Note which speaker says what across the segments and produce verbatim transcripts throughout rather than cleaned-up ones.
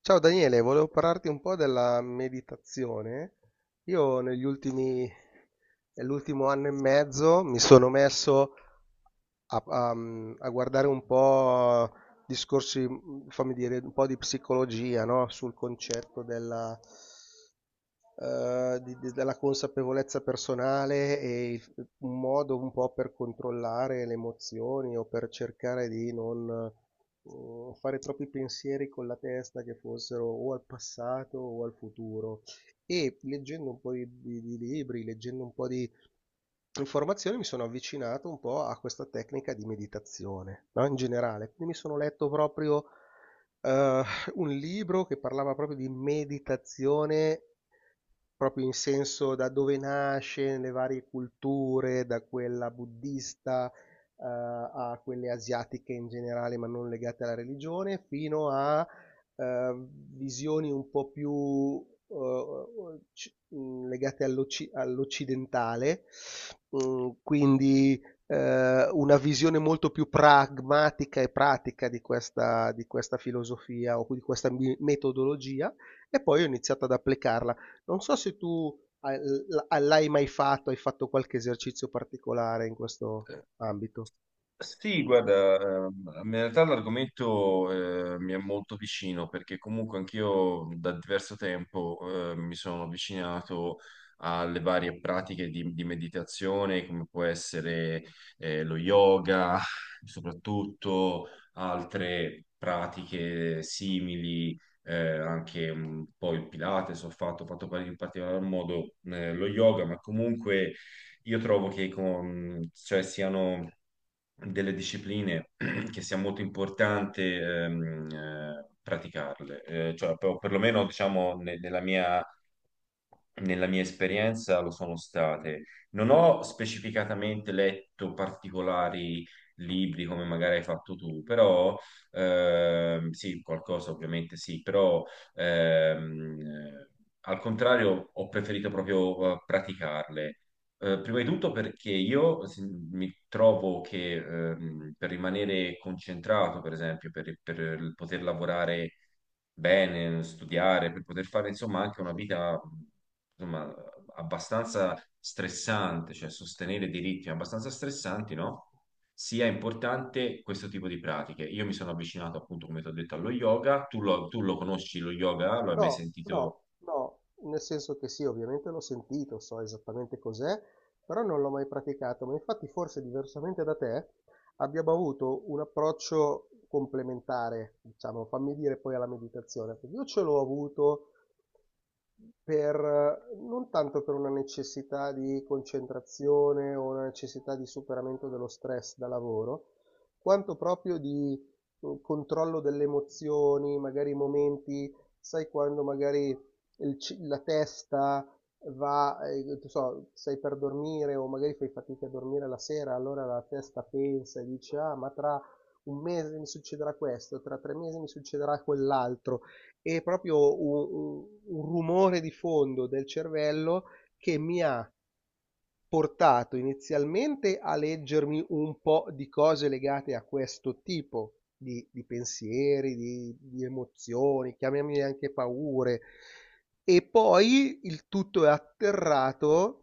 Speaker 1: Ciao Daniele, volevo parlarti un po' della meditazione. Io negli ultimi, nell'ultimo anno e mezzo mi sono messo a, a- a guardare un po' discorsi, fammi dire, un po' di psicologia, no? Sul concetto della, eh, di- di- della consapevolezza personale e il- un modo un po' per controllare le emozioni o per cercare di non eh, fare troppi pensieri con la testa che fossero o al passato o al futuro. E leggendo un po' di, di- di libri, leggendo un po' di informazioni, mi sono avvicinato un po' a questa tecnica di meditazione, no? In generale. Quindi mi sono letto proprio eh, un libro che parlava proprio di meditazione. Proprio in senso da dove nasce nelle varie culture, da quella buddista, eh, a quelle asiatiche in generale, ma non legate alla religione, fino a eh, visioni un po' più eh, ci- mh, legate all'occi- all'occidentale. Mh, quindi eh, una visione molto più pragmatica e pratica di questa, di questa filosofia o di questa mi- metodologia, e poi ho iniziato ad applicarla. Non so se tu hai- l- l'hai mai fatto, hai fatto qualche esercizio particolare in questo ambito.
Speaker 2: Sì, guarda, ehm, in realtà l'argomento eh, mi è molto vicino perché comunque anch'io da diverso tempo eh, mi sono avvicinato alle varie pratiche di, di meditazione, come può essere eh, lo yoga, soprattutto altre pratiche simili, eh, anche un po' il Pilates, ho fatto, ho fatto in particolar modo eh, lo yoga, ma comunque io trovo che con- cioè, siano delle discipline che sia molto importante ehm, eh, praticarle, Eh, cioè, per- perlomeno diciamo, ne- nella mia, nella mia esperienza lo sono state. Non ho specificatamente letto particolari libri come magari hai fatto tu, però ehm, sì, qualcosa ovviamente sì, però ehm, eh, al contrario ho preferito proprio eh, praticarle eh, prima di tutto perché io se- mi trovo che ehm, per rimanere concentrato, per esempio, per, per poter lavorare bene, studiare, per poter fare insomma anche una vita insomma, abbastanza stressante, cioè sostenere dei ritmi abbastanza stressanti, no? Sia importante questo tipo di pratiche. Io mi sono avvicinato appunto, come ti ho detto, allo yoga. Tu lo, tu lo conosci lo yoga? Lo hai mai
Speaker 1: No, no,
Speaker 2: sentito?
Speaker 1: no, nel senso che sì, ovviamente l'ho sentito, so esattamente cos'è, però non l'ho mai praticato, ma infatti forse diversamente da te abbiamo avuto un approccio complementare, diciamo, fammi dire poi alla meditazione, perché io ce l'ho avuto per, non tanto per una necessità di concentrazione o una necessità di superamento dello stress da lavoro, quanto proprio di eh, controllo delle emozioni, magari momenti, sai, quando magari il ci- la testa va, eh, non so, stai per dormire o magari fai fatica a dormire la sera, allora la testa pensa e dice, ah, ma tra un mese mi succederà questo, tra tre mesi mi succederà quell'altro. E proprio un, un- un rumore di fondo del cervello che mi ha portato inizialmente a leggermi un po' di cose legate a questo tipo di, di pensieri, di, di emozioni, chiamiamole anche paure, e poi il tutto è atterrato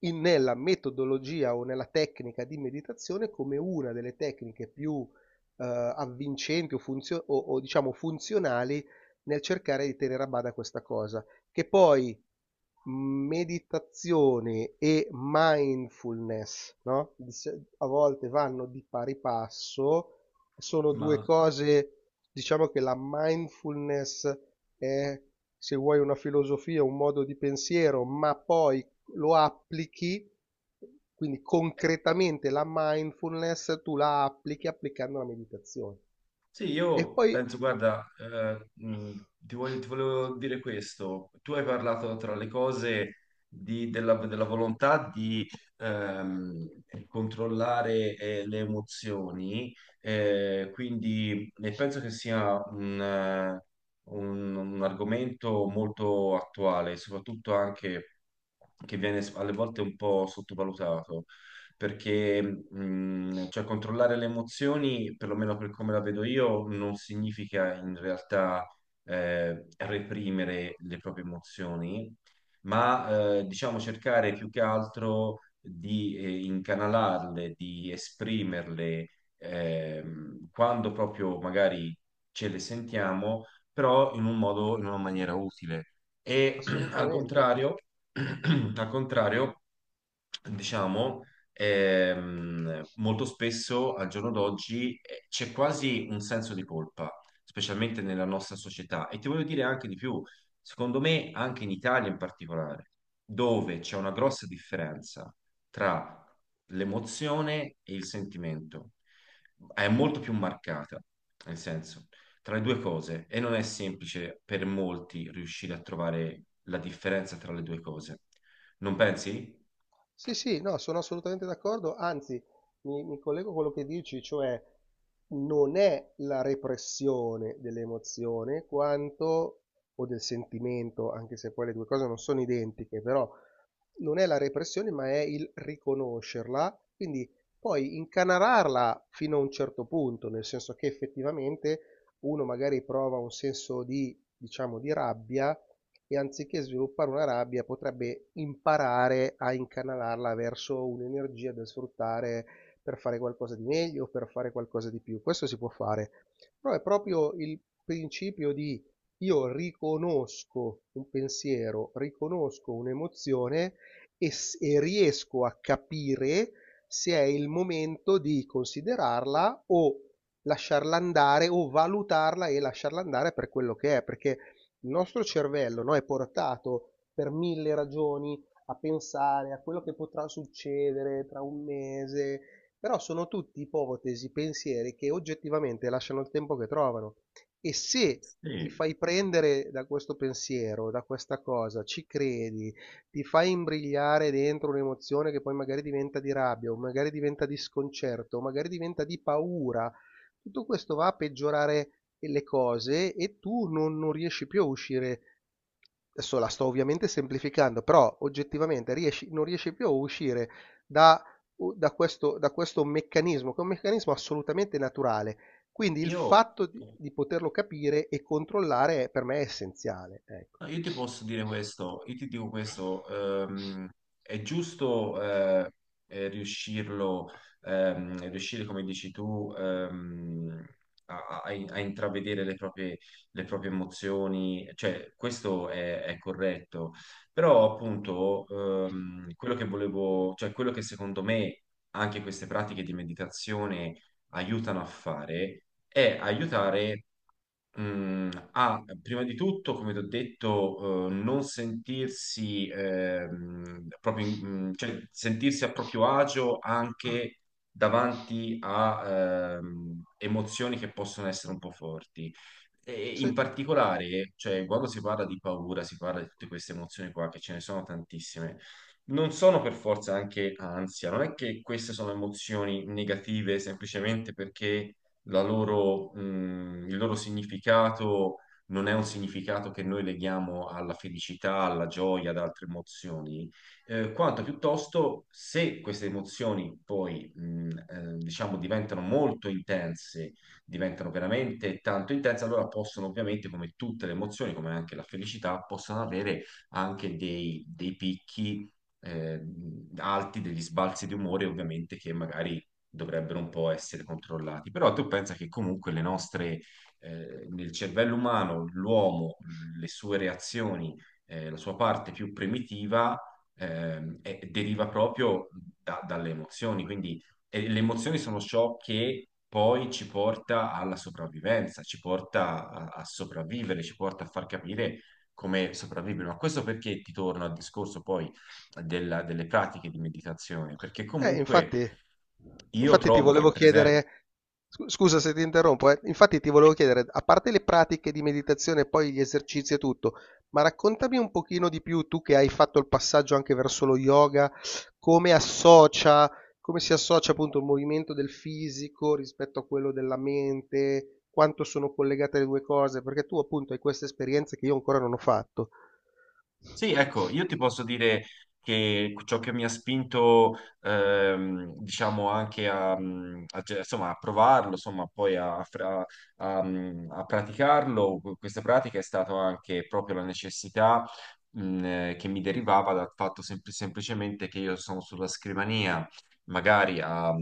Speaker 1: in- nella metodologia o nella tecnica di meditazione come una delle tecniche più eh, avvincenti o, funzio- o- o, diciamo funzionali nel cercare di tenere a bada questa cosa, che poi meditazione e mindfulness, no? Di se- A volte vanno di pari passo, sono due
Speaker 2: Ma.
Speaker 1: cose. Diciamo che la mindfulness è, se vuoi, una filosofia, un modo di pensiero, ma poi lo applichi, quindi concretamente la mindfulness tu la applichi applicando la meditazione.
Speaker 2: Sì,
Speaker 1: E
Speaker 2: io
Speaker 1: poi.
Speaker 2: penso, guarda, eh, mh, ti voglio- ti volevo dire questo. Tu hai parlato tra le cose di- della, della volontà di ehm, controllare eh, le emozioni, eh, quindi e penso che sia un, eh, un- un argomento molto attuale, soprattutto anche che viene s- alle volte un po' sottovalutato perché mh, cioè, controllare le emozioni, perlomeno per come la vedo io, non significa in realtà eh, reprimere le proprie emozioni, ma eh, diciamo cercare più che altro di eh, incanalarle, di esprimerle ehm, quando proprio magari ce le sentiamo, però in un modo, in una maniera utile. E al
Speaker 1: Assolutamente.
Speaker 2: contrario, al contrario, diciamo ehm, molto spesso al giorno d'oggi eh, c'è quasi un senso di colpa, specialmente nella nostra società. E ti voglio dire anche di più, secondo me anche in Italia in particolare, dove c'è una grossa differenza tra l'emozione e il sentimento, è molto più marcata, nel senso, tra le due cose, e non è semplice per molti riuscire a trovare la differenza tra le due cose. Non pensi?
Speaker 1: Sì, sì, no, sono assolutamente d'accordo, anzi mi, mi collego a quello che dici, cioè non è la repressione dell'emozione, quanto, o del sentimento, anche se poi le due cose non sono identiche, però non è la repressione ma è il riconoscerla, quindi poi incanalarla fino a un certo punto, nel senso che effettivamente uno magari prova un senso di, diciamo, di rabbia, e anziché sviluppare una rabbia potrebbe imparare a incanalarla verso un'energia da sfruttare per fare qualcosa di meglio, per fare qualcosa di più. Questo si può fare, però è proprio il principio di io riconosco un pensiero, riconosco un'emozione, e, s- e riesco a capire se è il momento di considerarla o lasciarla andare o valutarla e lasciarla andare per quello che è, perché il nostro cervello, no, è portato per mille ragioni a pensare a quello che potrà succedere tra un mese, però sono tutti ipotesi, pensieri che oggettivamente lasciano il tempo che trovano. E se ti
Speaker 2: Sì.
Speaker 1: fai prendere da questo pensiero, da questa cosa, ci credi, ti fai imbrigliare dentro un'emozione che poi magari diventa di rabbia, o magari diventa di sconcerto, o magari diventa di paura, tutto questo va a peggiorare le cose e tu non, non riesci più a uscire. Adesso la sto ovviamente semplificando, però oggettivamente riesci- non riesci più a uscire da, da questo, da questo meccanismo, che è un meccanismo assolutamente naturale. Quindi il
Speaker 2: Io,
Speaker 1: fatto di, di poterlo capire e controllare è- per me è essenziale. Ecco.
Speaker 2: no, io ti posso dire questo, io ti dico questo, ehm, è giusto eh, eh, riuscirlo, ehm, riuscire, come dici tu, ehm, a, a- a intravedere le proprie, le proprie emozioni, cioè questo è, è corretto, però appunto ehm, quello che volevo, cioè quello che secondo me anche queste pratiche di meditazione aiutano a fare è aiutare. Mm, ah, prima di tutto, come ti ho detto, eh, non sentirsi ehm, proprio, in- mm, cioè sentirsi a proprio agio anche davanti a ehm, emozioni che possono essere un po' forti. E in
Speaker 1: Sì.
Speaker 2: particolare, cioè, quando si parla di paura, si parla di tutte queste emozioni qua, che ce ne sono tantissime, non sono per forza anche ansia, non è che queste sono emozioni negative semplicemente perché la loro, mh, il loro significato non è un significato che noi leghiamo alla felicità, alla gioia, ad altre emozioni, eh, quanto piuttosto se queste emozioni poi, mh, eh, diciamo, diventano molto intense, diventano veramente tanto intense, allora possono ovviamente, come tutte le emozioni, come anche la felicità, possono avere anche dei, dei picchi. eh, alti degli sbalzi di umore ovviamente che magari dovrebbero un po' essere controllati. Però tu pensa che comunque le nostre, eh, nel cervello umano, l'uomo, le sue reazioni, eh, la sua parte più primitiva, ehm, è- deriva proprio da- dalle emozioni. Quindi eh, le emozioni sono ciò che poi ci porta alla sopravvivenza, ci porta a, a sopravvivere, ci porta a far capire come sopravvivere. Ma questo perché ti torno al discorso poi della- delle pratiche di meditazione, perché
Speaker 1: Eh,
Speaker 2: comunque
Speaker 1: infatti.
Speaker 2: io
Speaker 1: Infatti ti
Speaker 2: trovo che,
Speaker 1: volevo
Speaker 2: per esempio,
Speaker 1: chiedere, scu- scusa se ti interrompo, eh, infatti ti volevo chiedere, a parte le pratiche di meditazione e poi gli esercizi e tutto, ma raccontami un pochino di più, tu che hai fatto il passaggio anche verso lo yoga, come associa, come si associa appunto il movimento del fisico rispetto a quello della mente, quanto sono collegate le due cose, perché tu appunto hai queste esperienze che io ancora non ho fatto.
Speaker 2: sì, ecco, io ti posso dire che ciò che mi ha spinto, ehm, diciamo, anche a, a ge- insomma, a provarlo, insomma, poi a, fra- a- a praticarlo, questa pratica è stata anche proprio la necessità, mh, eh, che mi derivava dal fatto sempl- semplicemente che io sono sulla scrivania, magari a,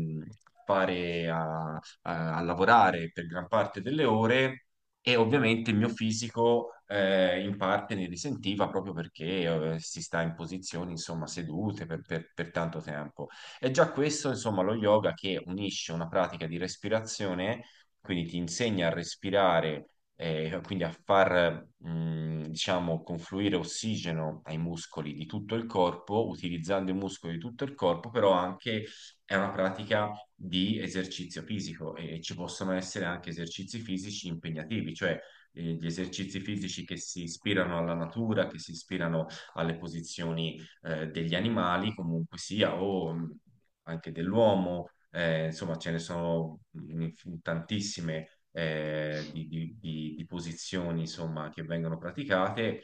Speaker 2: fare, a a- a lavorare per gran parte delle ore. E ovviamente il mio fisico eh, in parte ne risentiva proprio perché eh, si sta in posizioni, insomma, sedute per, per- per tanto tempo. E già questo, insomma, lo yoga che unisce una pratica di respirazione, quindi ti insegna a respirare, eh, quindi a far, mh, diciamo, confluire ossigeno ai muscoli di tutto il corpo, utilizzando i muscoli di tutto il corpo, però anche è una pratica di esercizio fisico e ci possono essere anche esercizi fisici impegnativi, cioè eh, gli esercizi fisici che si ispirano alla natura, che si ispirano alle posizioni eh, degli animali, comunque sia, o mh, anche dell'uomo, eh, insomma ce ne sono mh, tantissime eh, di, di- di- di posizioni insomma, che vengono praticate,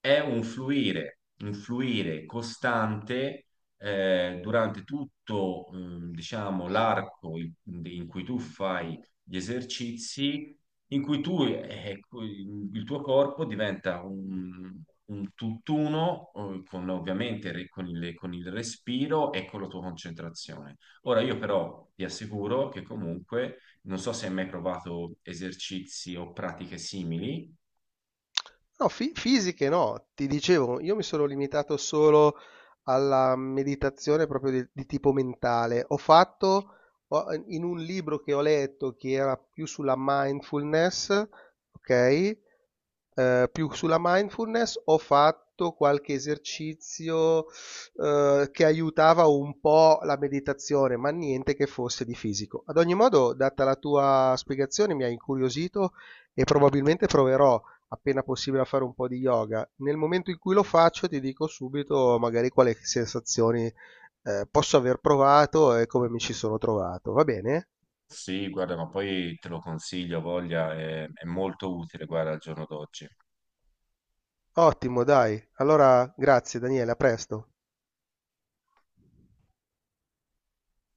Speaker 2: è un fluire, un fluire costante eh, durante tutto, ehm, diciamo, l'arco in, in cui tu fai gli esercizi, in cui tu, eh, ecco, il tuo corpo diventa un, un tutt'uno, eh, con, ovviamente re- con il, con il respiro e con la tua concentrazione. Ora, io però ti assicuro che comunque, non so se hai mai provato esercizi o pratiche simili.
Speaker 1: No, fi- fisiche no, ti dicevo, io mi sono limitato solo alla meditazione proprio di, di tipo mentale. Ho fatto ho- in un libro che ho letto che era più sulla mindfulness, ok? Eh, Più sulla mindfulness ho fatto qualche esercizio, uhm, che aiutava un po' la meditazione, ma niente che fosse di fisico. Ad ogni modo, data la tua spiegazione, mi hai incuriosito e probabilmente proverò, appena possibile, a fare un po' di yoga. Nel momento in cui lo faccio, ti dico subito magari quali sensazioni, ehm, posso aver provato e come mi ci sono trovato. Va bene?
Speaker 2: Sì, guarda, ma poi te lo consiglio, voglia, è, è molto utile, guarda, al giorno d'oggi.
Speaker 1: Ottimo, dai. Allora grazie Daniele, a presto.